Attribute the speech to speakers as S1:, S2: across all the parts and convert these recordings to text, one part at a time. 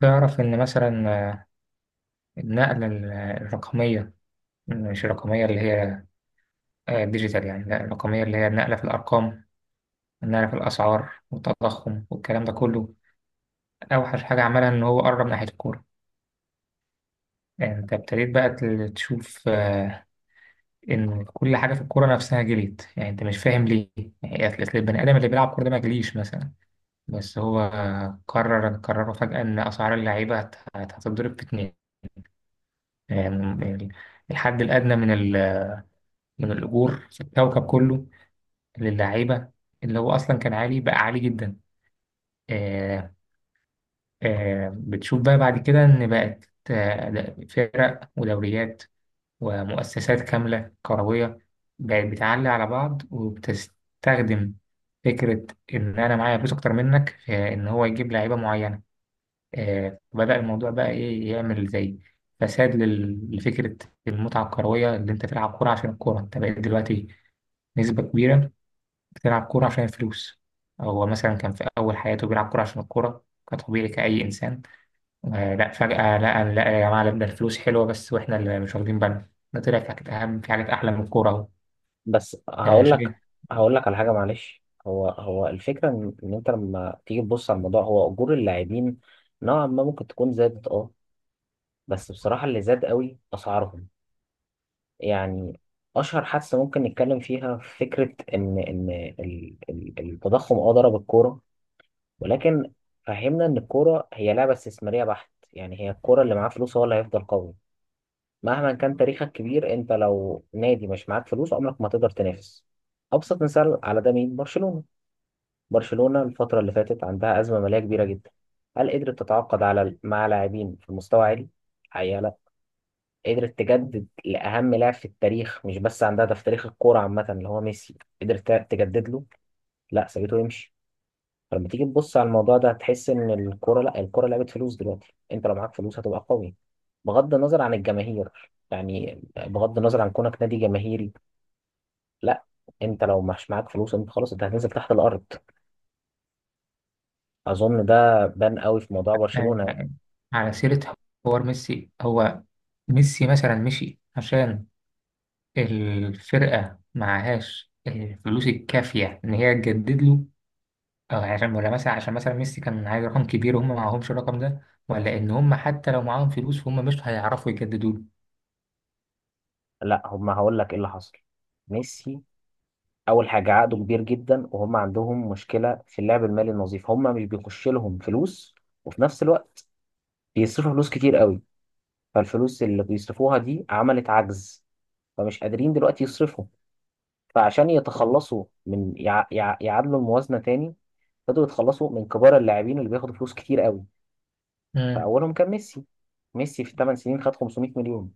S1: تعرف إن مثلا النقلة الرقمية. مش الرقمية اللي هي ديجيتال، يعني لا، الرقمية اللي هي النقلة في الأرقام، النقلة في الأسعار والتضخم والكلام ده كله. أوحش حاجة عملها إن هو قرب ناحية الكورة. يعني أنت ابتديت بقى تشوف إن كل حاجة في الكورة نفسها جليت. يعني أنت مش فاهم ليه. يعني أصل البني آدم اللي بيلعب كورة ده ما جليش مثلا. بس هو قرروا فجأة إن أسعار اللعيبة هتضرب في اتنين. يعني الحد الأدنى من من الأجور في الكوكب كله للعيبة، اللي هو أصلا كان عالي بقى عالي جدا. آه بتشوف بقى بعد كده إن بقت فرق ودوريات ومؤسسات كاملة كروية بقت بتعلي على بعض، وبتستخدم فكرة إن أنا معايا فلوس أكتر منك في إن هو يجيب لعيبة معينة. آه، بدأ الموضوع بقى إيه، يعمل زي فساد لفكرة المتعة الكروية. اللي أنت تلعب كورة عشان الكورة، أنت بقيت دلوقتي نسبة كبيرة بتلعب كورة عشان الفلوس. هو مثلا كان في أول حياته بيلعب كورة عشان الكورة، كطبيعي كأي إنسان. آه لا، فجأة لا لا يا جماعة لا، ده الفلوس حلوة بس، وإحنا اللي مش واخدين بالنا. ده طلع في حاجات أهم، في حاجات أحلى من الكورة أهو.
S2: بس
S1: آه
S2: هقول لك
S1: شايف.
S2: هقول لك على حاجه، معلش، هو الفكره إن انت لما تيجي تبص على الموضوع، هو اجور اللاعبين نوعا ما ممكن تكون زادت، بس بصراحه اللي زاد قوي اسعارهم، يعني اشهر حادثه ممكن نتكلم فيها فكره ان التضخم ضرب الكوره، ولكن فهمنا ان الكوره هي لعبه استثماريه بحت، يعني هي الكوره اللي معاه فلوس هو اللي هيفضل قوي. مهما كان تاريخك كبير، انت لو نادي مش معاك فلوس عمرك ما تقدر تنافس. ابسط مثال على ده مين؟ برشلونة. برشلونة الفترة اللي فاتت عندها أزمة مالية كبيرة جدا. هل قدرت تتعاقد على مع لاعبين في مستوى عالي؟ حقيقة لا. قدرت تجدد لأهم لاعب في التاريخ، مش بس عندها ده في تاريخ الكورة عامة، اللي هو ميسي، قدرت تجدد له؟ لا، سابته يمشي. فلما تيجي تبص على الموضوع ده هتحس ان الكوره، لا، الكوره لعبه فلوس دلوقتي، انت لو معاك فلوس هتبقى قوي بغض النظر عن الجماهير، يعني بغض النظر عن كونك نادي جماهيري، لا، انت لو مش معاك فلوس انت خلاص، انت هتنزل تحت الارض. اظن ده بان قوي في موضوع
S1: آه،
S2: برشلونه يعني.
S1: على سيرة حوار ميسي. هو ميسي مثلا مشي عشان الفرقة معهاش الفلوس الكافية إن هي تجدد له، أو عشان، ولا مثلا عشان مثلا ميسي كان عايز رقم كبير وهم معهمش الرقم ده، ولا إن هم حتى لو معاهم فلوس فهم مش هيعرفوا يجددوا له.
S2: لا، هم هقول لك ايه اللي حصل. ميسي، اول حاجه عقده كبير جدا، وهم عندهم مشكله في اللعب المالي النظيف، هم مش بيخش لهم فلوس، وفي نفس الوقت بيصرفوا فلوس كتير قوي، فالفلوس اللي بيصرفوها دي عملت عجز، فمش قادرين دلوقتي يصرفوا. فعشان يتخلصوا من يعادلوا الموازنة تاني، بدأوا يتخلصوا من كبار اللاعبين اللي بياخدوا فلوس كتير قوي.
S1: مم.
S2: فأولهم كان ميسي. ميسي في 8 سنين خد 500 مليون،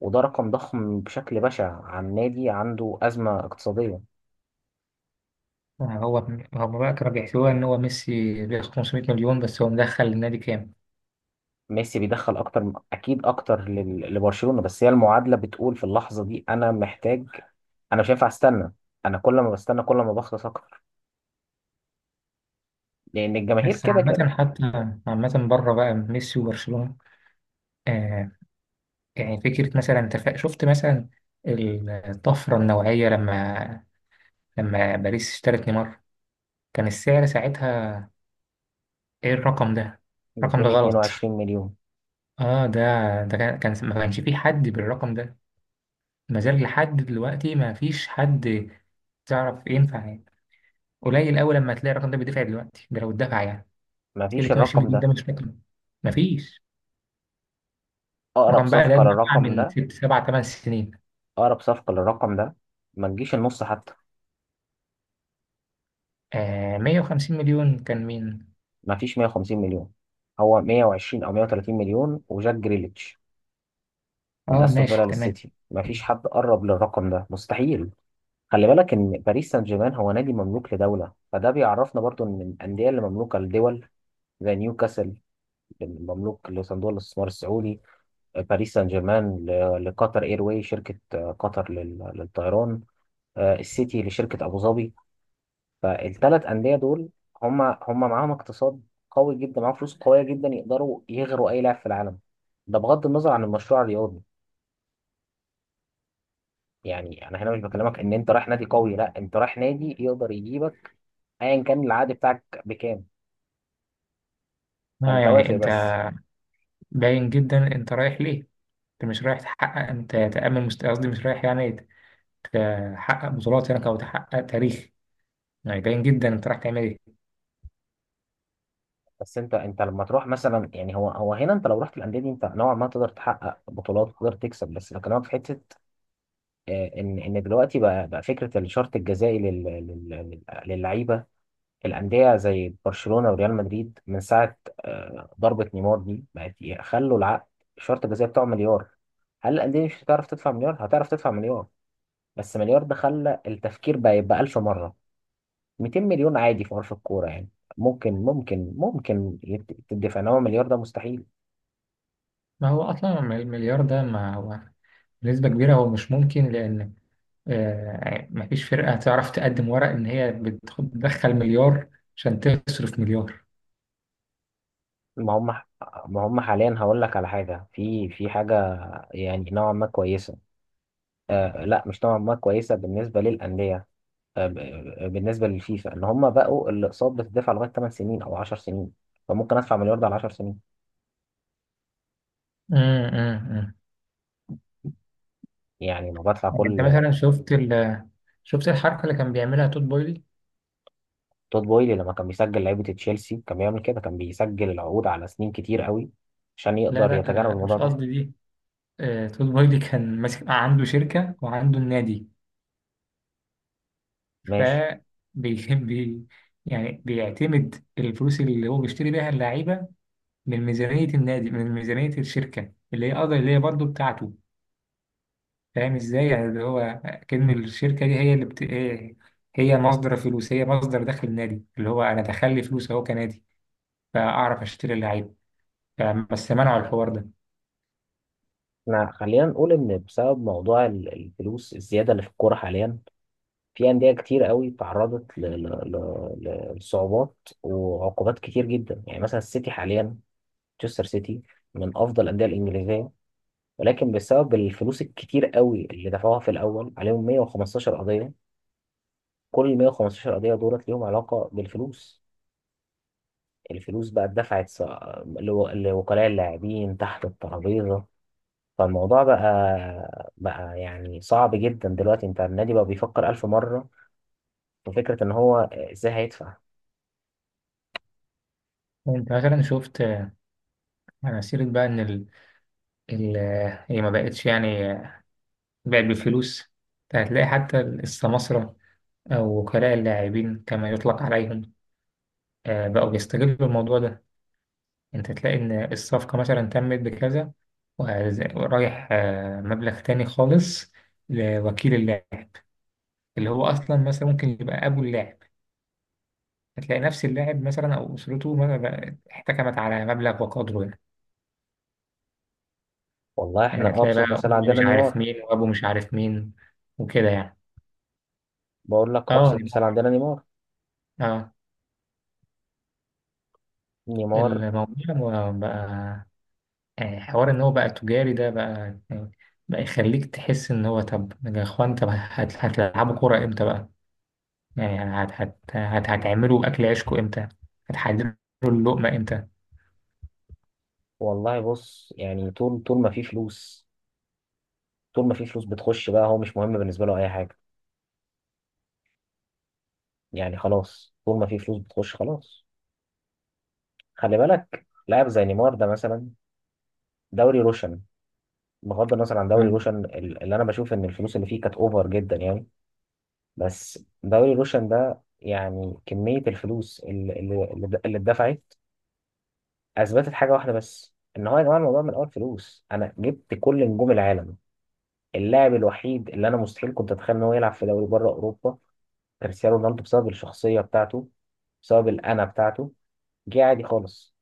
S2: وده رقم ضخم بشكل بشع عن نادي عنده أزمة اقتصادية.
S1: يعني هو، هم بقى كانوا بيحسبوها ان هو ميسي بياخد 500 مليون، بس هو مدخل النادي كام؟
S2: ميسي بيدخل أكتر، أكيد أكتر لبرشلونة، بس هي المعادلة بتقول في اللحظة دي أنا محتاج. أنا مش هينفع أستنى. أنا كل ما بستنى كل ما بخلص أكتر، لأن الجماهير
S1: بس
S2: كده
S1: عامة،
S2: كده.
S1: حتى عامة بره بقى ميسي وبرشلونة، آه، يعني فكرة مثلا انت شفت مثلا الطفرة النوعية لما باريس اشترت نيمار كان السعر ساعتها، ايه الرقم ده؟ الرقم ده غلط.
S2: 222 مليون؟
S1: اه ده، كان ما كانش فيه حد بالرقم ده. ما زال لحد دلوقتي ما فيش حد تعرف ينفع يعني، قليل قوي لما تلاقي الرقم ده بيدفع دلوقتي، ده لو اتدفع يعني.
S2: مفيش
S1: 22
S2: الرقم
S1: جنيه ده
S2: ده.
S1: مش فاكره. مفيش.
S2: اقرب
S1: وكان بقى ده
S2: صفقه
S1: اتباع
S2: للرقم ده
S1: من ست سبع تمن سنين.
S2: اقرب صفقه للرقم ده ما تجيش النص حتى.
S1: آه، 150 مليون كان مين؟
S2: ما فيش 150 مليون، هو 120 او 130 مليون وجاك جريليتش من
S1: اه،
S2: استون
S1: ماشي
S2: فيلا
S1: تمام.
S2: للسيتي، ما فيش حد قرب للرقم ده، مستحيل. خلي بالك ان باريس سان جيرمان هو نادي مملوك لدوله، فده بيعرفنا برضو ان الانديه اللي مملوكه لدول، زي نيوكاسل مملوك لصندوق الاستثمار السعودي، باريس سان جيرمان لقطر اير واي، شركه قطر للطيران، السيتي لشركه ابو ظبي. فالثلاث أندية دول هم معاهم اقتصاد قوي جدا، معاهم فلوس قوية جدا يقدروا يغروا أي لاعب في العالم. ده بغض النظر عن المشروع الرياضي، يعني أنا هنا مش بكلمك إن أنت رايح نادي قوي، لا، أنت رايح نادي يقدر يجيبك أيا كان العقد بتاعك بكام.
S1: اه
S2: فأنت
S1: يعني
S2: وافق
S1: انت،
S2: بس.
S1: باين جدا انت رايح ليه؟ انت مش رايح تحقق، انت تأمن مست، قصدي مش رايح يعني تحقق بطولات هناك او تحقق تاريخ. يعني باين جدا انت رايح تعمل ايه؟
S2: بس أنت لما تروح مثلا، يعني هو هنا أنت لو رحت الأندية دي أنت نوعا ما تقدر تحقق بطولات، تقدر تكسب، بس بكلمك في حتة. إن دلوقتي بقى فكرة الشرط الجزائي للعيبة. الأندية زي برشلونة وريال مدريد من ساعة ضربة نيمار دي بقت يخلوا العقد، الشرط الجزائي بتاعه مليار. هل الأندية مش هتعرف تدفع مليار؟ هتعرف تدفع مليار، بس مليار ده خلى التفكير بقى يبقى ألف مرة. 200 مليون عادي في عرف الكورة يعني، ممكن تدفع، إنما مليار ده مستحيل.
S1: ما هو اصلا المليار ده، ما هو بنسبة كبيرة هو مش ممكن. لأن مفيش فرقة تعرف تقدم ورق إن هي بتدخل مليار عشان تصرف مليار.
S2: ما هم ما هم حاليا، هقول لك على حاجة، في حاجة، يعني نوعا ما كويسة، آه لا، مش نوعا ما كويسة بالنسبة للأندية. بالنسبه للفيفا ان هم بقوا الاقساط بتدفع لغايه 8 سنين او 10 سنين، فممكن ادفع مليار ده على 10 سنين.
S1: مم، مم، مم.
S2: يعني لو بدفع
S1: يعني انت
S2: كل.
S1: مثلا شفت شفت الحركه اللي كان بيعملها توت بويلي.
S2: تود بويلي لما كان بيسجل لعيبه تشيلسي كان بيعمل كده، كان بيسجل العقود على سنين كتير قوي عشان
S1: لا
S2: يقدر يتجنب
S1: لا،
S2: الموضوع
S1: مش
S2: ده.
S1: قصدي دي. توت بويلي كان ماسك عنده شركه وعنده النادي. ف
S2: ماشي.
S1: بي بي- يعني بيعتمد الفلوس اللي هو بيشتري بيها اللعيبه من ميزانيه النادي، من ميزانيه الشركه اللي هي قضية، اللي هي برضه بتاعته. فاهم ازاي يعني، اللي هو كأن الشركه دي هي هي، هي مصدر فلوس، هي مصدر دخل النادي. اللي هو انا دخل لي فلوس اهو كنادي، فاعرف اشتري اللعيبه يعني. بس منعوا الحوار ده.
S2: احنا خلينا نقول ان بسبب موضوع الفلوس الزياده اللي في الكوره حاليا، في انديه كتير قوي تعرضت لصعوبات وعقوبات كتير جدا. يعني مثلا السيتي حاليا، مانشستر سيتي، من افضل الانديه الانجليزيه، ولكن بسبب الفلوس الكتير قوي اللي دفعوها في الأول عليهم 115 قضية. كل 115 قضية دولت ليهم علاقة بالفلوس. الفلوس بقى اتدفعت لوكلاء اللاعبين تحت الترابيزة. فالموضوع بقى يعني صعب جدا دلوقتي، انت النادي بقى بيفكر ألف مرة في فكرة ان هو ازاي هيدفع.
S1: انت مثلا شفت انا سيرة بقى ان ال... ال... آه، هي ما بقتش يعني بقت بالفلوس. هتلاقي حتى السماسرة او وكلاء اللاعبين كما يطلق عليهم بقوا بيستغلوا الموضوع ده. انت تلاقي ان الصفقة مثلا تمت بكذا، ورايح مبلغ تاني خالص لوكيل اللاعب، اللي هو اصلا مثلا ممكن يبقى ابو اللاعب. هتلاقي نفس اللاعب مثلا او اسرته احتكمت على مبلغ وقدره يعني.
S2: والله
S1: يعني
S2: احنا
S1: هتلاقي بقى
S2: أبسط مثال
S1: أم
S2: عندنا
S1: مش عارف
S2: نيمار.
S1: مين وأبو مش عارف مين، وكده يعني.
S2: بقول لك
S1: اه
S2: أبسط
S1: يعني
S2: مثال
S1: ممكن،
S2: عندنا نيمار.
S1: اه
S2: نيمار.
S1: الموضوع يعني حوار إن هو بقى تجاري ده بقى، يعني بقى يخليك تحس إن هو، طب يا إخوان طب هتلعبوا كورة إمتى بقى؟ يعني هت هت هت هتعملوا أكل عيشكوا إمتى؟ هتحددوا اللقمة إمتى؟
S2: والله بص، يعني طول ما في فلوس، طول ما في فلوس بتخش بقى هو مش مهم بالنسبة له أي حاجة. يعني خلاص، طول ما في فلوس بتخش خلاص. خلي بالك لاعب زي نيمار ده مثلا، دوري روشن. بغض النظر عن دوري روشن اللي انا بشوف ان الفلوس اللي فيه كانت اوفر جدا يعني، بس دوري روشن ده يعني، كمية الفلوس اللي اتدفعت، اثبتت حاجة واحدة بس، ان هو يا جماعة الموضوع من الاول فلوس. انا جبت كل نجوم العالم. اللاعب الوحيد اللي انا مستحيل كنت اتخيل ان هو يلعب في دوري بره اوروبا كريستيانو رونالدو، بسبب الشخصية بتاعته، بسبب الانا بتاعته، جه عادي خالص.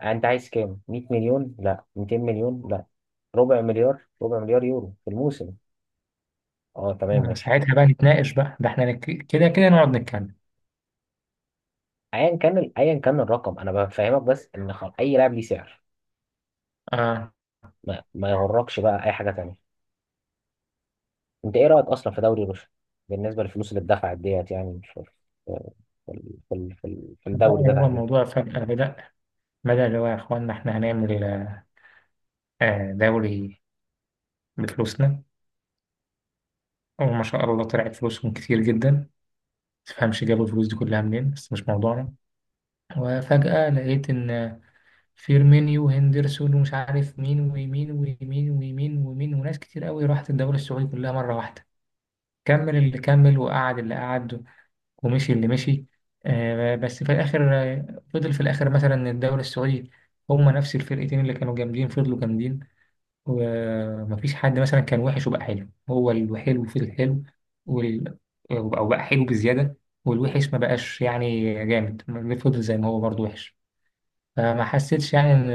S2: انت عايز كام؟ 100 مليون؟ لا. 200 مليون؟ لا. ربع مليار، ربع مليار يورو في الموسم. اه، تمام، ماشي.
S1: ساعتها بقى نتناقش بقى، ده احنا نك كده كده نقعد نتكلم.
S2: ايا كان الرقم، انا بفهمك بس ان اي لاعب ليه سعر،
S1: اه،
S2: ما يغركش بقى اي حاجه تانية. انت ايه رايك اصلا في دوري روسيا بالنسبه للفلوس اللي اتدفعت ديت، يعني في في
S1: بقى
S2: الدوري ده
S1: هو
S2: تحديدا؟
S1: الموضوع فجأة بدأ اللي هو يا اخوانا احنا هنعمل آه دوري بفلوسنا. وما شاء الله طلعت فلوسهم كتير جدا، متفهمش جابوا الفلوس دي كلها منين بس مش موضوعنا. وفجأة لقيت إن فيرمينيو وهندرسون ومش عارف مين ويمين ويمين ويمين ويمين وناس كتير قوي راحت الدوري السعودي كلها مرة واحدة. كمل اللي كمل، وقعد اللي قعد، ومشي اللي مشي. بس في الآخر، فضل في الآخر مثلا إن الدوري السعودي هما نفس الفرقتين اللي كانوا جامدين فضلوا جامدين، ومفيش حد مثلا كان وحش وبقى حلو. هو الحلو في الحلو، وال... أو بقى حلو بزيادة، والوحش ما بقاش يعني جامد. فضل زي ما هو برضه وحش. فما حسيتش يعني إن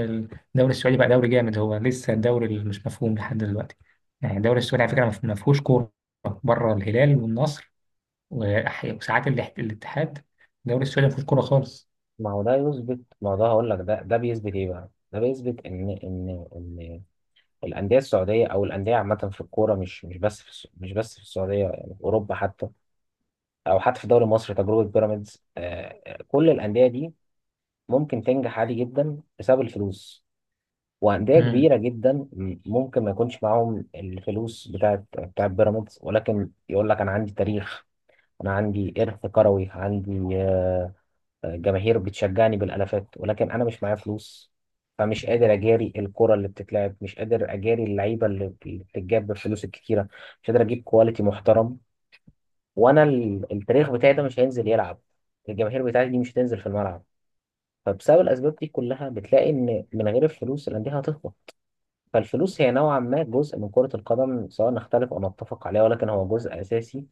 S1: الدوري السعودي بقى دوري جامد. هو لسه الدوري اللي مش مفهوم لحد دلوقتي. يعني الدوري السعودي على فكرة ما فيهوش كورة بره الهلال والنصر، وساعات الاتحاد. الدوري السعودي ما فيهوش كورة خالص.
S2: ما هو ده، هقول لك، ده بيثبت ايه بقى. ده بيثبت ان الانديه السعوديه او الانديه عامه في الكوره، مش بس في السعوديه، يعني في اوروبا حتى، او حتى في الدوري المصري تجربه بيراميدز. كل الانديه دي ممكن تنجح عادي جدا بسبب الفلوس. وانديه
S1: مم.
S2: كبيره جدا ممكن ما يكونش معاهم الفلوس بتاعت بيراميدز، ولكن يقول لك انا عندي تاريخ، انا عندي ارث كروي، عندي جماهير بتشجعني بالالافات، ولكن انا مش معايا فلوس. فمش قادر اجاري الكره اللي بتتلعب، مش قادر اجاري اللعيبه اللي بتتجاب بالفلوس الكتيره، مش قادر اجيب كواليتي محترم. وانا التاريخ بتاعي ده مش هينزل يلعب، الجماهير بتاعتي دي مش هتنزل في الملعب. فبسبب الاسباب دي كلها بتلاقي ان من غير الفلوس الانديه هتهبط. فالفلوس هي نوعا ما جزء من كره القدم، سواء نختلف او نتفق عليها، ولكن هو جزء اساسي،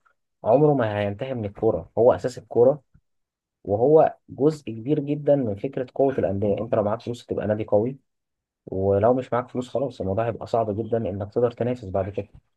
S2: عمره ما هينتهي من الكوره، هو اساس الكوره. وهو جزء كبير جدا من فكره قوه الانديه، انت لو معاك فلوس هتبقى نادي قوي، ولو مش معاك فلوس خلاص الموضوع هيبقى صعب جدا انك تقدر تنافس بعد كده.